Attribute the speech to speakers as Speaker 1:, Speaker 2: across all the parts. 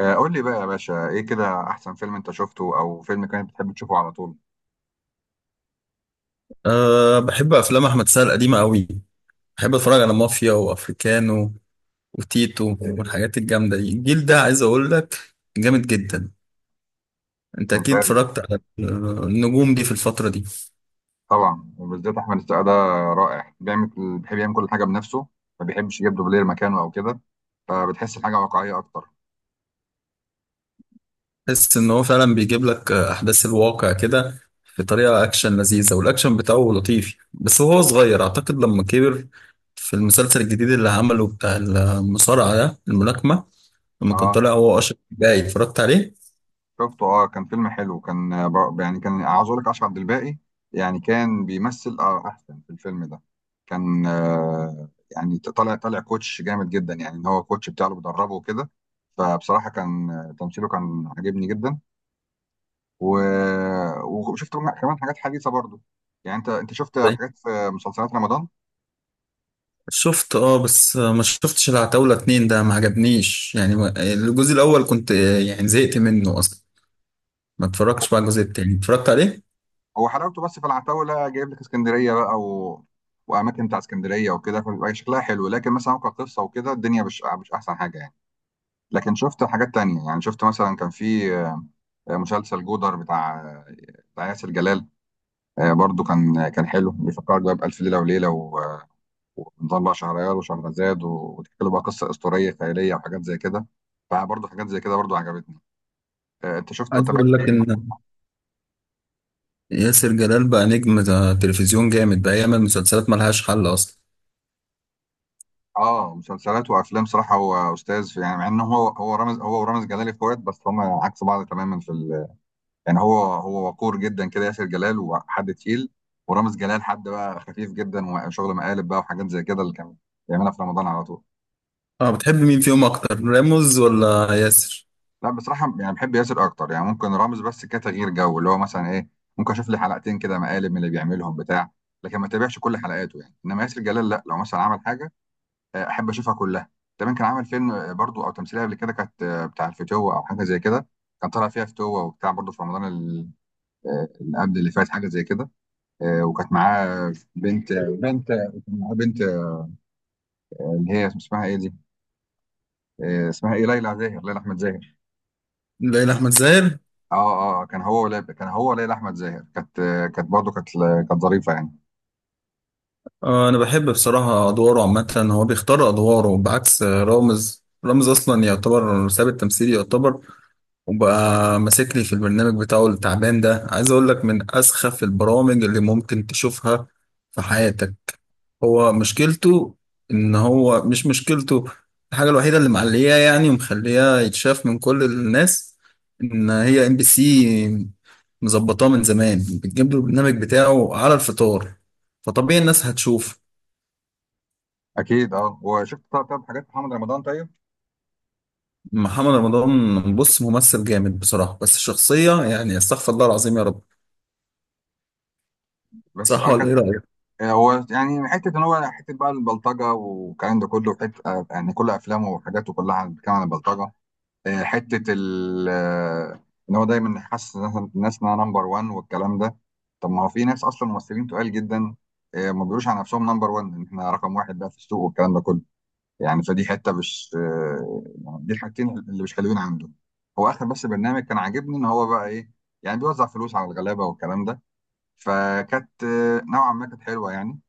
Speaker 1: قول لي بقى يا باشا ايه كده احسن فيلم انت شفته او فيلم كانت بتحب تشوفه على طول.
Speaker 2: أه، بحب أفلام أحمد سعد القديمة أوي. بحب أتفرج على مافيا وأفريكانو وتيتو والحاجات الجامدة دي. الجيل ده، عايز أقول لك، جامد جدا. أنت أكيد
Speaker 1: ممتاز.
Speaker 2: اتفرجت على النجوم دي في الفترة دي.
Speaker 1: طبعا وبالذات احمد السقا ده رائع، بيعمل بيحب يعمل كل حاجه بنفسه، ما بيحبش يجيب دوبلير مكانه او كده، فبتحس الحاجه واقعيه اكتر.
Speaker 2: تحس إن هو فعلا بيجيب لك أحداث الواقع كده، بطريقة أكشن لذيذة، والأكشن بتاعه لطيف، بس هو صغير أعتقد، لما كبر في المسلسل الجديد اللي عمله بتاع المصارعة ده، الملاكمة، لما كان
Speaker 1: اه
Speaker 2: طالع هو أشرف جاي اتفرجت عليه.
Speaker 1: شفته، اه كان فيلم حلو، كان يعني كان عاوز اقول لك اشرف عبد الباقي يعني كان بيمثل اه احسن في الفيلم ده. كان آه يعني طالع كوتش جامد جدا، يعني ان هو كوتش بتاعه اللي بيدربه وكده، فبصراحه كان، تمثيله كان عاجبني جدا. و... وشفت منها كمان حاجات حديثه برضو. يعني انت شفت حاجات في مسلسلات رمضان؟
Speaker 2: شفت، اه، بس ما شفتش العتاولة اتنين ده، ما عجبنيش يعني، الجزء الأول كنت، يعني زهقت منه أصلا. ما اتفرجتش بقى على الجزء التاني، اتفرجت عليه.
Speaker 1: هو حلاوته بس في العتاوله، جايب لك اسكندريه بقى واماكن بتاع اسكندريه وكده، فبيبقى شكلها حلو، لكن مثلا هو كقصه وكده الدنيا مش احسن حاجه يعني. لكن شفت حاجات تانية، يعني شفت مثلا كان في مسلسل جودر بتاع ياسر جلال، برضو كان كان حلو، بيفكرك بقى بألف ليلة وليلة ونظام بقى شهريار وشهرزاد وتحكي له بقى قصة أسطورية خيالية وحاجات زي كده، فبرضو حاجات زي كده برضو عجبتني. انت شفت
Speaker 2: عايز
Speaker 1: تابعت
Speaker 2: أقول لك
Speaker 1: اي؟
Speaker 2: إن ياسر جلال بقى نجم، ده تلفزيون جامد، بقى يعمل مسلسلات ملهاش حل أصلا.
Speaker 1: اه مسلسلات وافلام، صراحه هو استاذ في، يعني مع انه هو رامز، هو ورامز جلال اخوات بس هم عكس بعض تماما يعني هو وقور جدا كده ياسر جلال، وحد تقيل، ورامز جلال حد بقى خفيف جدا وشغل مقالب بقى وحاجات زي كده اللي كان بيعملها في رمضان على طول.
Speaker 2: اه، بتحب مين فيهم أكتر، راموز ولا ياسر؟
Speaker 1: لا بصراحه يعني بحب ياسر اكتر، يعني ممكن رامز بس كتغيير جو اللي هو مثلا ايه، ممكن اشوف لي حلقتين كده مقالب من اللي بيعملهم بتاع، لكن ما تابعش كل حلقاته يعني، انما ياسر جلال لا، لو مثلا عمل حاجه احب اشوفها كلها. كمان كان عامل فيلم، برضو او تمثيليه قبل كده، كانت بتاع الفتوه او حاجه زي كده، كان طالع فيها فتوه وبتاع برضو في رمضان اللي قبل اللي فات، حاجه زي كده. وكانت معاه بنت، بنت كان معاه بنت آه، اللي هي اسمها ايه دي، آه، اسمها ايه ليلى زاهر، ليلى احمد زاهر.
Speaker 2: ليلى أحمد زاهر؟
Speaker 1: اه اه، آه، كان هو ولا كان هو ليلى احمد زاهر كانت، كانت برضو كانت ظريفه يعني.
Speaker 2: آه، أنا بحب بصراحة أدواره عامة، هو بيختار أدواره بعكس، رامز أصلا يعتبر ساب التمثيل يعتبر، وبقى ماسك لي في البرنامج بتاعه التعبان ده. عايز اقول لك من اسخف البرامج اللي ممكن تشوفها في حياتك. هو مشكلته، ان هو، مش مشكلته. الحاجة الوحيدة اللي معلياه يعني ومخلياه يتشاف من كل الناس، ان هي MBC مظبطاه من زمان، بتجيب له البرنامج بتاعه على الفطار، فطبيعي الناس هتشوف.
Speaker 1: اكيد. اه وشفت طب حاجات محمد رمضان؟ طيب
Speaker 2: محمد رمضان، بص، ممثل جامد بصراحة، بس شخصية يعني، استغفر الله العظيم يا رب.
Speaker 1: بس
Speaker 2: صح
Speaker 1: اه،
Speaker 2: ولا ايه رأيك؟
Speaker 1: هو يعني حته ان هو حته بقى البلطجه والكلام ده كله، حته يعني كل افلامه وحاجاته كلها بتتكلم عن البلطجه، آه، حته ال آه، ان هو دايما حاسس إن الناس انها نمبر 1 والكلام ده. طب ما هو في ناس اصلا ممثلين تقال جدا ما بيقولوش عن نفسهم نمبر 1، ان احنا رقم واحد بقى في السوق والكلام ده كله، يعني فدي حته مش، يعني دي الحاجتين اللي مش حلوين عنده. هو اخر بس برنامج كان عاجبني ان هو بقى ايه، يعني بيوزع فلوس على الغلابه والكلام ده، فكانت نوعا ما كانت حلوه يعني.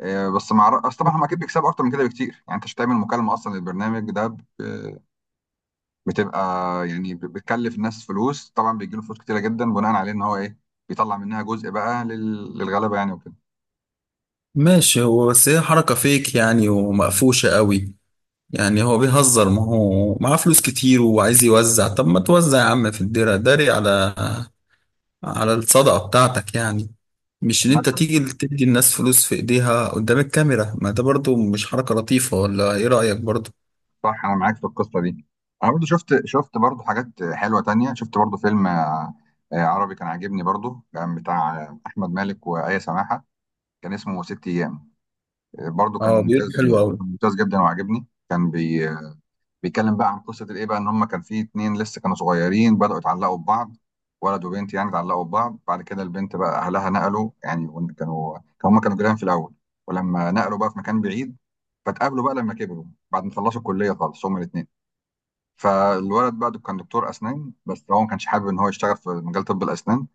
Speaker 1: اصل طبعا هم اكيد بيكسبوا اكتر من كده بكتير، يعني انت مش هتعمل مكالمه اصلا للبرنامج ده بتبقى، يعني بتكلف الناس فلوس، طبعا بيجي له فلوس كتيره جدا بناء عليه، ان هو ايه بيطلع منها جزء بقى للغلبه يعني وكده.
Speaker 2: ماشي، هو بس هي حركة فيك يعني، ومقفوشة قوي. يعني هو بيهزر، ما هو معاه فلوس كتير وعايز يوزع. طب ما توزع يا عم في الدرع، داري على الصدقة بتاعتك يعني. مش ان انت
Speaker 1: مثلا
Speaker 2: تيجي تدي الناس فلوس في ايديها قدام الكاميرا. ما ده برضو مش حركة لطيفة، ولا ايه رأيك برضو؟
Speaker 1: صح، انا معاك في القصه دي. انا برضو شفت، برضو حاجات حلوه تانية، شفت برضو فيلم، عربي كان عاجبني برضو، كان بتاع احمد مالك وآية سماحه، كان اسمه ست ايام، برضو كان
Speaker 2: اه، بيقول
Speaker 1: ممتاز،
Speaker 2: حلو قوي.
Speaker 1: كان ممتاز جدا وعجبني، كان بي بيتكلم بقى عن قصه الايه بقى، ان هم كان في اتنين لسه كانوا صغيرين بداوا يتعلقوا ببعض، ولد وبنت يعني، اتعلقوا ببعض، بعد كده البنت بقى اهلها نقلوا يعني هم كانوا جيران في الاول ولما نقلوا بقى في مكان بعيد، فتقابلوا بقى لما كبروا بعد ما خلصوا الكليه خالص هم الاثنين. فالولد بقى كان دكتور اسنان بس هو ما كانش حابب ان هو يشتغل في مجال طب الاسنان،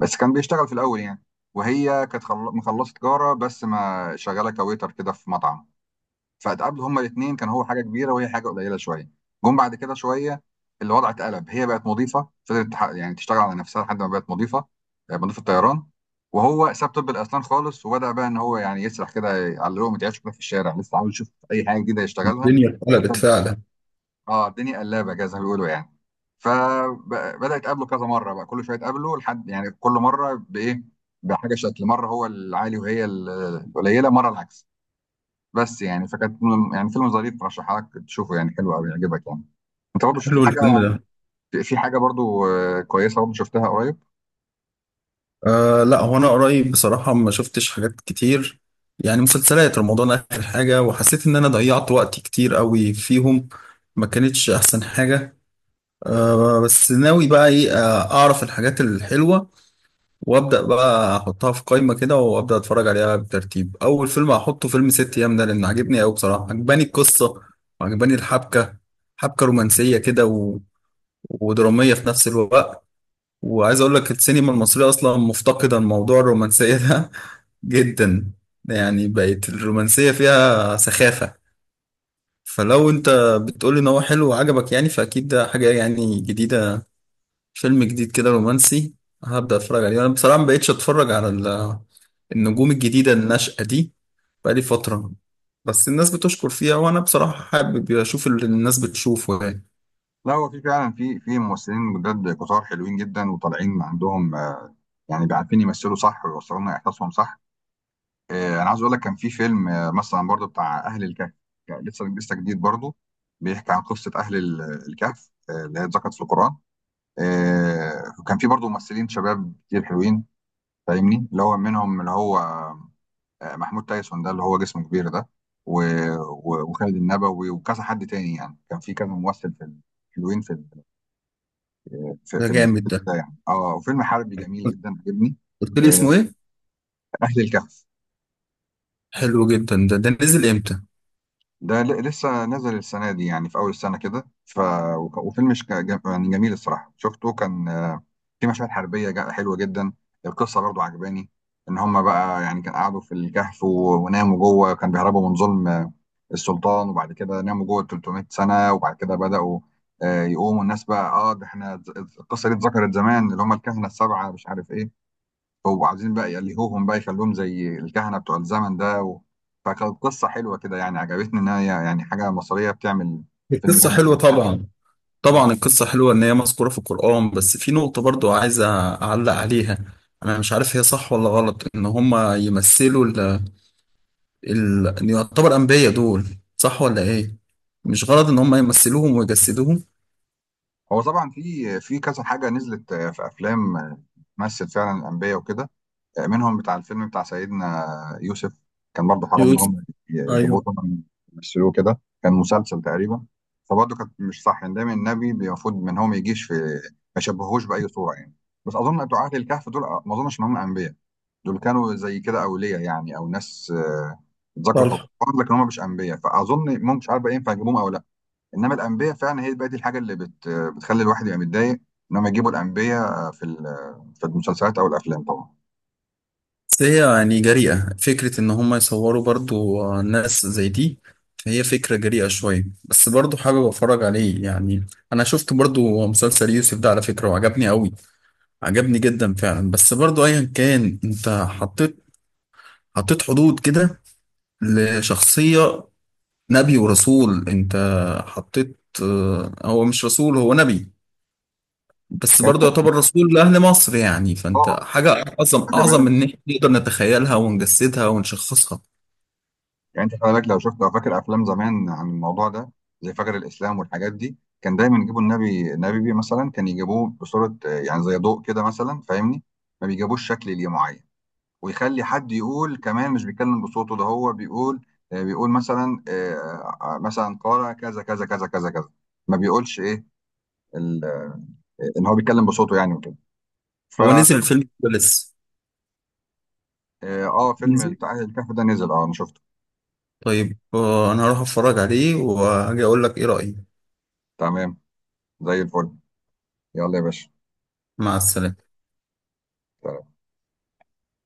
Speaker 1: بس كان بيشتغل في الاول يعني، وهي كانت مخلصه تجاره بس ما شغاله كويتر كده في مطعم، فاتقابلوا هما الاثنين، كان هو حاجه كبيره وهي حاجه قليله شويه. جم بعد كده شويه، الوضع اتقلب، هي بقت مضيفه، فضلت يعني تشتغل على نفسها لحد ما بقت مضيفه، مضيفه طيران، وهو ساب طب الاسنان خالص وبدا بقى ان هو يعني يسرح كده، يعلقهم يتعشوا كده في الشارع، لسه عاوز يشوف اي حاجه جديده يشتغلها.
Speaker 2: الدنيا اتقلبت
Speaker 1: طب
Speaker 2: فعلا.
Speaker 1: اه، الدنيا قلابه كده زي ما بيقولوا يعني، فبدا يتقابلوا كذا مره بقى، كل شويه يتقابلوا لحد يعني كل مره بايه، بحاجه، شكل مره هو العالي وهي القليله، مره العكس. بس يعني يعني فيلم ظريف، رشحها لك تشوفه يعني، حلو قوي، يعجبك يعني. انت برضه في
Speaker 2: حلو
Speaker 1: حاجه،
Speaker 2: الفيلم ده.
Speaker 1: في حاجه برضه كويسه برضه شفتها قريب؟
Speaker 2: أه لا، هو انا قريب بصراحه ما شفتش حاجات كتير، يعني مسلسلات رمضان اخر حاجه، وحسيت ان انا ضيعت وقت كتير قوي فيهم، ما كانتش احسن حاجه. أه، بس ناوي بقى ايه، اعرف الحاجات الحلوه وابدا بقى احطها في قائمه كده، وابدا اتفرج عليها بترتيب. اول فيلم هحطه فيلم ست ايام ده، لان عجبني قوي بصراحه، عجباني القصه وعجباني الحبكه، حبكه رومانسيه كده، ودراميه في نفس الوقت. وعايز اقول لك السينما المصريه اصلا مفتقده الموضوع الرومانسيه ده جدا. يعني بقت الرومانسية فيها سخافة. فلو انت بتقول ان هو حلو وعجبك، يعني فاكيد ده حاجة يعني جديدة، فيلم جديد كده رومانسي، هبدأ اتفرج عليه. انا بصراحة ما بقتش اتفرج على النجوم الجديدة الناشئة دي بقالي فترة، بس الناس بتشكر فيها، وانا بصراحة حابب اشوف اللي الناس بتشوفه يعني.
Speaker 1: لا، هو في فعلا في ممثلين جداد كتار حلوين جدا وطالعين عندهم، يعني بيعرفين يمثلوا صح ويوصلوا لنا احساسهم صح. انا عايز اقول لك كان في فيلم، مثلا برضه بتاع اهل الكهف، يعني لسه جديد برضه، بيحكي عن قصه اهل الكهف اللي هي اتذكرت في القران. وكان في برضه ممثلين شباب كتير حلوين، فاهمني، اللي هو منهم اللي هو محمود تايسون ده اللي هو جسمه كبير ده، و... وخالد النبوي وكذا حد تاني، يعني كان في كذا ممثل في حلوين في ال... في,
Speaker 2: ده
Speaker 1: في ال...
Speaker 2: جامد ده.
Speaker 1: ده يعني اه، وفيلم حربي جميل جدا عجبني.
Speaker 2: قلت لي
Speaker 1: آه،
Speaker 2: اسمه ايه؟
Speaker 1: اهل الكهف.
Speaker 2: حلو جدا ده. ده نزل امتى؟
Speaker 1: ده لسه نزل السنه دي، يعني في اول السنه كده، وفيلم يعني جميل الصراحه، شفته كان، في مشاهد حربيه حلوه جدا. القصه برضو عجباني، ان هم بقى يعني كان قعدوا في الكهف وناموا جوه، كان بيهربوا من ظلم السلطان وبعد كده ناموا جوه ال 300 سنه، وبعد كده بداوا يقوموا الناس بقى، اه ده احنا القصه دي اتذكرت زمان، اللي هم الكهنه السبعه مش عارف ايه، هو عايزين بقى يلهوهم بقى، يخلوهم زي الكهنه بتوع الزمن ده فكانت قصه حلوه كده يعني، عجبتني ان هي يعني حاجه مصريه بتعمل فيلم
Speaker 2: القصة
Speaker 1: جامد
Speaker 2: حلوة
Speaker 1: زي كده.
Speaker 2: طبعا.
Speaker 1: مم.
Speaker 2: طبعا القصة حلوة إن هي مذكورة في القرآن، بس في نقطة برضو عايز أعلق عليها. أنا مش عارف هي صح ولا غلط إن هما يمثلوا ال إن يعتبر أنبياء دول. صح ولا إيه؟ مش غلط إن هما يمثلوهم ويجسدوهم.
Speaker 1: هو طبعا في كذا حاجه نزلت، في افلام تمثل فعلا الانبياء وكده، منهم بتاع الفيلم بتاع سيدنا يوسف، كان برضه حرام ان
Speaker 2: يوسف.
Speaker 1: هم يجيبوه
Speaker 2: أيوه.
Speaker 1: طبعا يمثلوه كده، كان مسلسل تقريبا، فبرضه كانت مش صح، ان دايما النبي المفروض ان هو ما يجيش في، ما يشبهوش باي صوره يعني. بس اظن بتوع اهل الكهف دول ما اظنش ان هم انبياء، دول كانوا زي كده اولياء يعني او ناس، اتذكروا في
Speaker 2: صالح.
Speaker 1: القران لكن هم مش انبياء، فاظن ممكن مش عارف بقى ينفع يجيبوهم او لا. انما الانبياء فعلا هي بقى دي الحاجه اللي بتخلي الواحد يبقى متضايق، ان هم يجيبوا الانبياء في المسلسلات او الافلام طبعا.
Speaker 2: بس هي يعني جريئة فكرة إن هما يصوروا برضو، ناس زي دي. فهي فكرة جريئة شوية، بس برضو حابب أتفرج عليه يعني. أنا شفت برضو مسلسل يوسف ده على فكرة، وعجبني أوي، عجبني جدا فعلا. بس برضو ايا كان، انت حطيت حدود كده لشخصية نبي ورسول. انت حطيت، هو مش رسول، هو نبي، بس
Speaker 1: يعني
Speaker 2: برضو يعتبر رسول لأهل مصر يعني. فانت حاجة أعظم
Speaker 1: خلي
Speaker 2: أعظم
Speaker 1: بالك،
Speaker 2: من إن إحنا نقدر نتخيلها ونجسدها ونشخصها.
Speaker 1: يعني انت خلي بالك لو شفت او فاكر افلام زمان عن الموضوع ده، زي فجر الاسلام والحاجات دي، كان دايما يجيبوا النبي، بيه مثلا كان يجيبوه بصوره يعني زي ضوء كده مثلا، فاهمني، ما بيجيبوش شكل ليه معين، ويخلي حد يقول كمان مش بيتكلم بصوته، ده هو بيقول بيقول مثلا مثلا قال كذا كذا كذا كذا كذا، ما بيقولش ايه ال- ان هو بيتكلم بصوته يعني وكده،
Speaker 2: هو نزل
Speaker 1: فتمام.
Speaker 2: الفيلم ده لسه
Speaker 1: اه فيلم
Speaker 2: نزل؟
Speaker 1: بتاع الكهف ده نزل اه، انا شفته.
Speaker 2: طيب، أنا هروح أتفرج عليه وهاجي أقول لك إيه رأيي.
Speaker 1: تمام، زي الفل. يلا يا باشا.
Speaker 2: مع السلامة.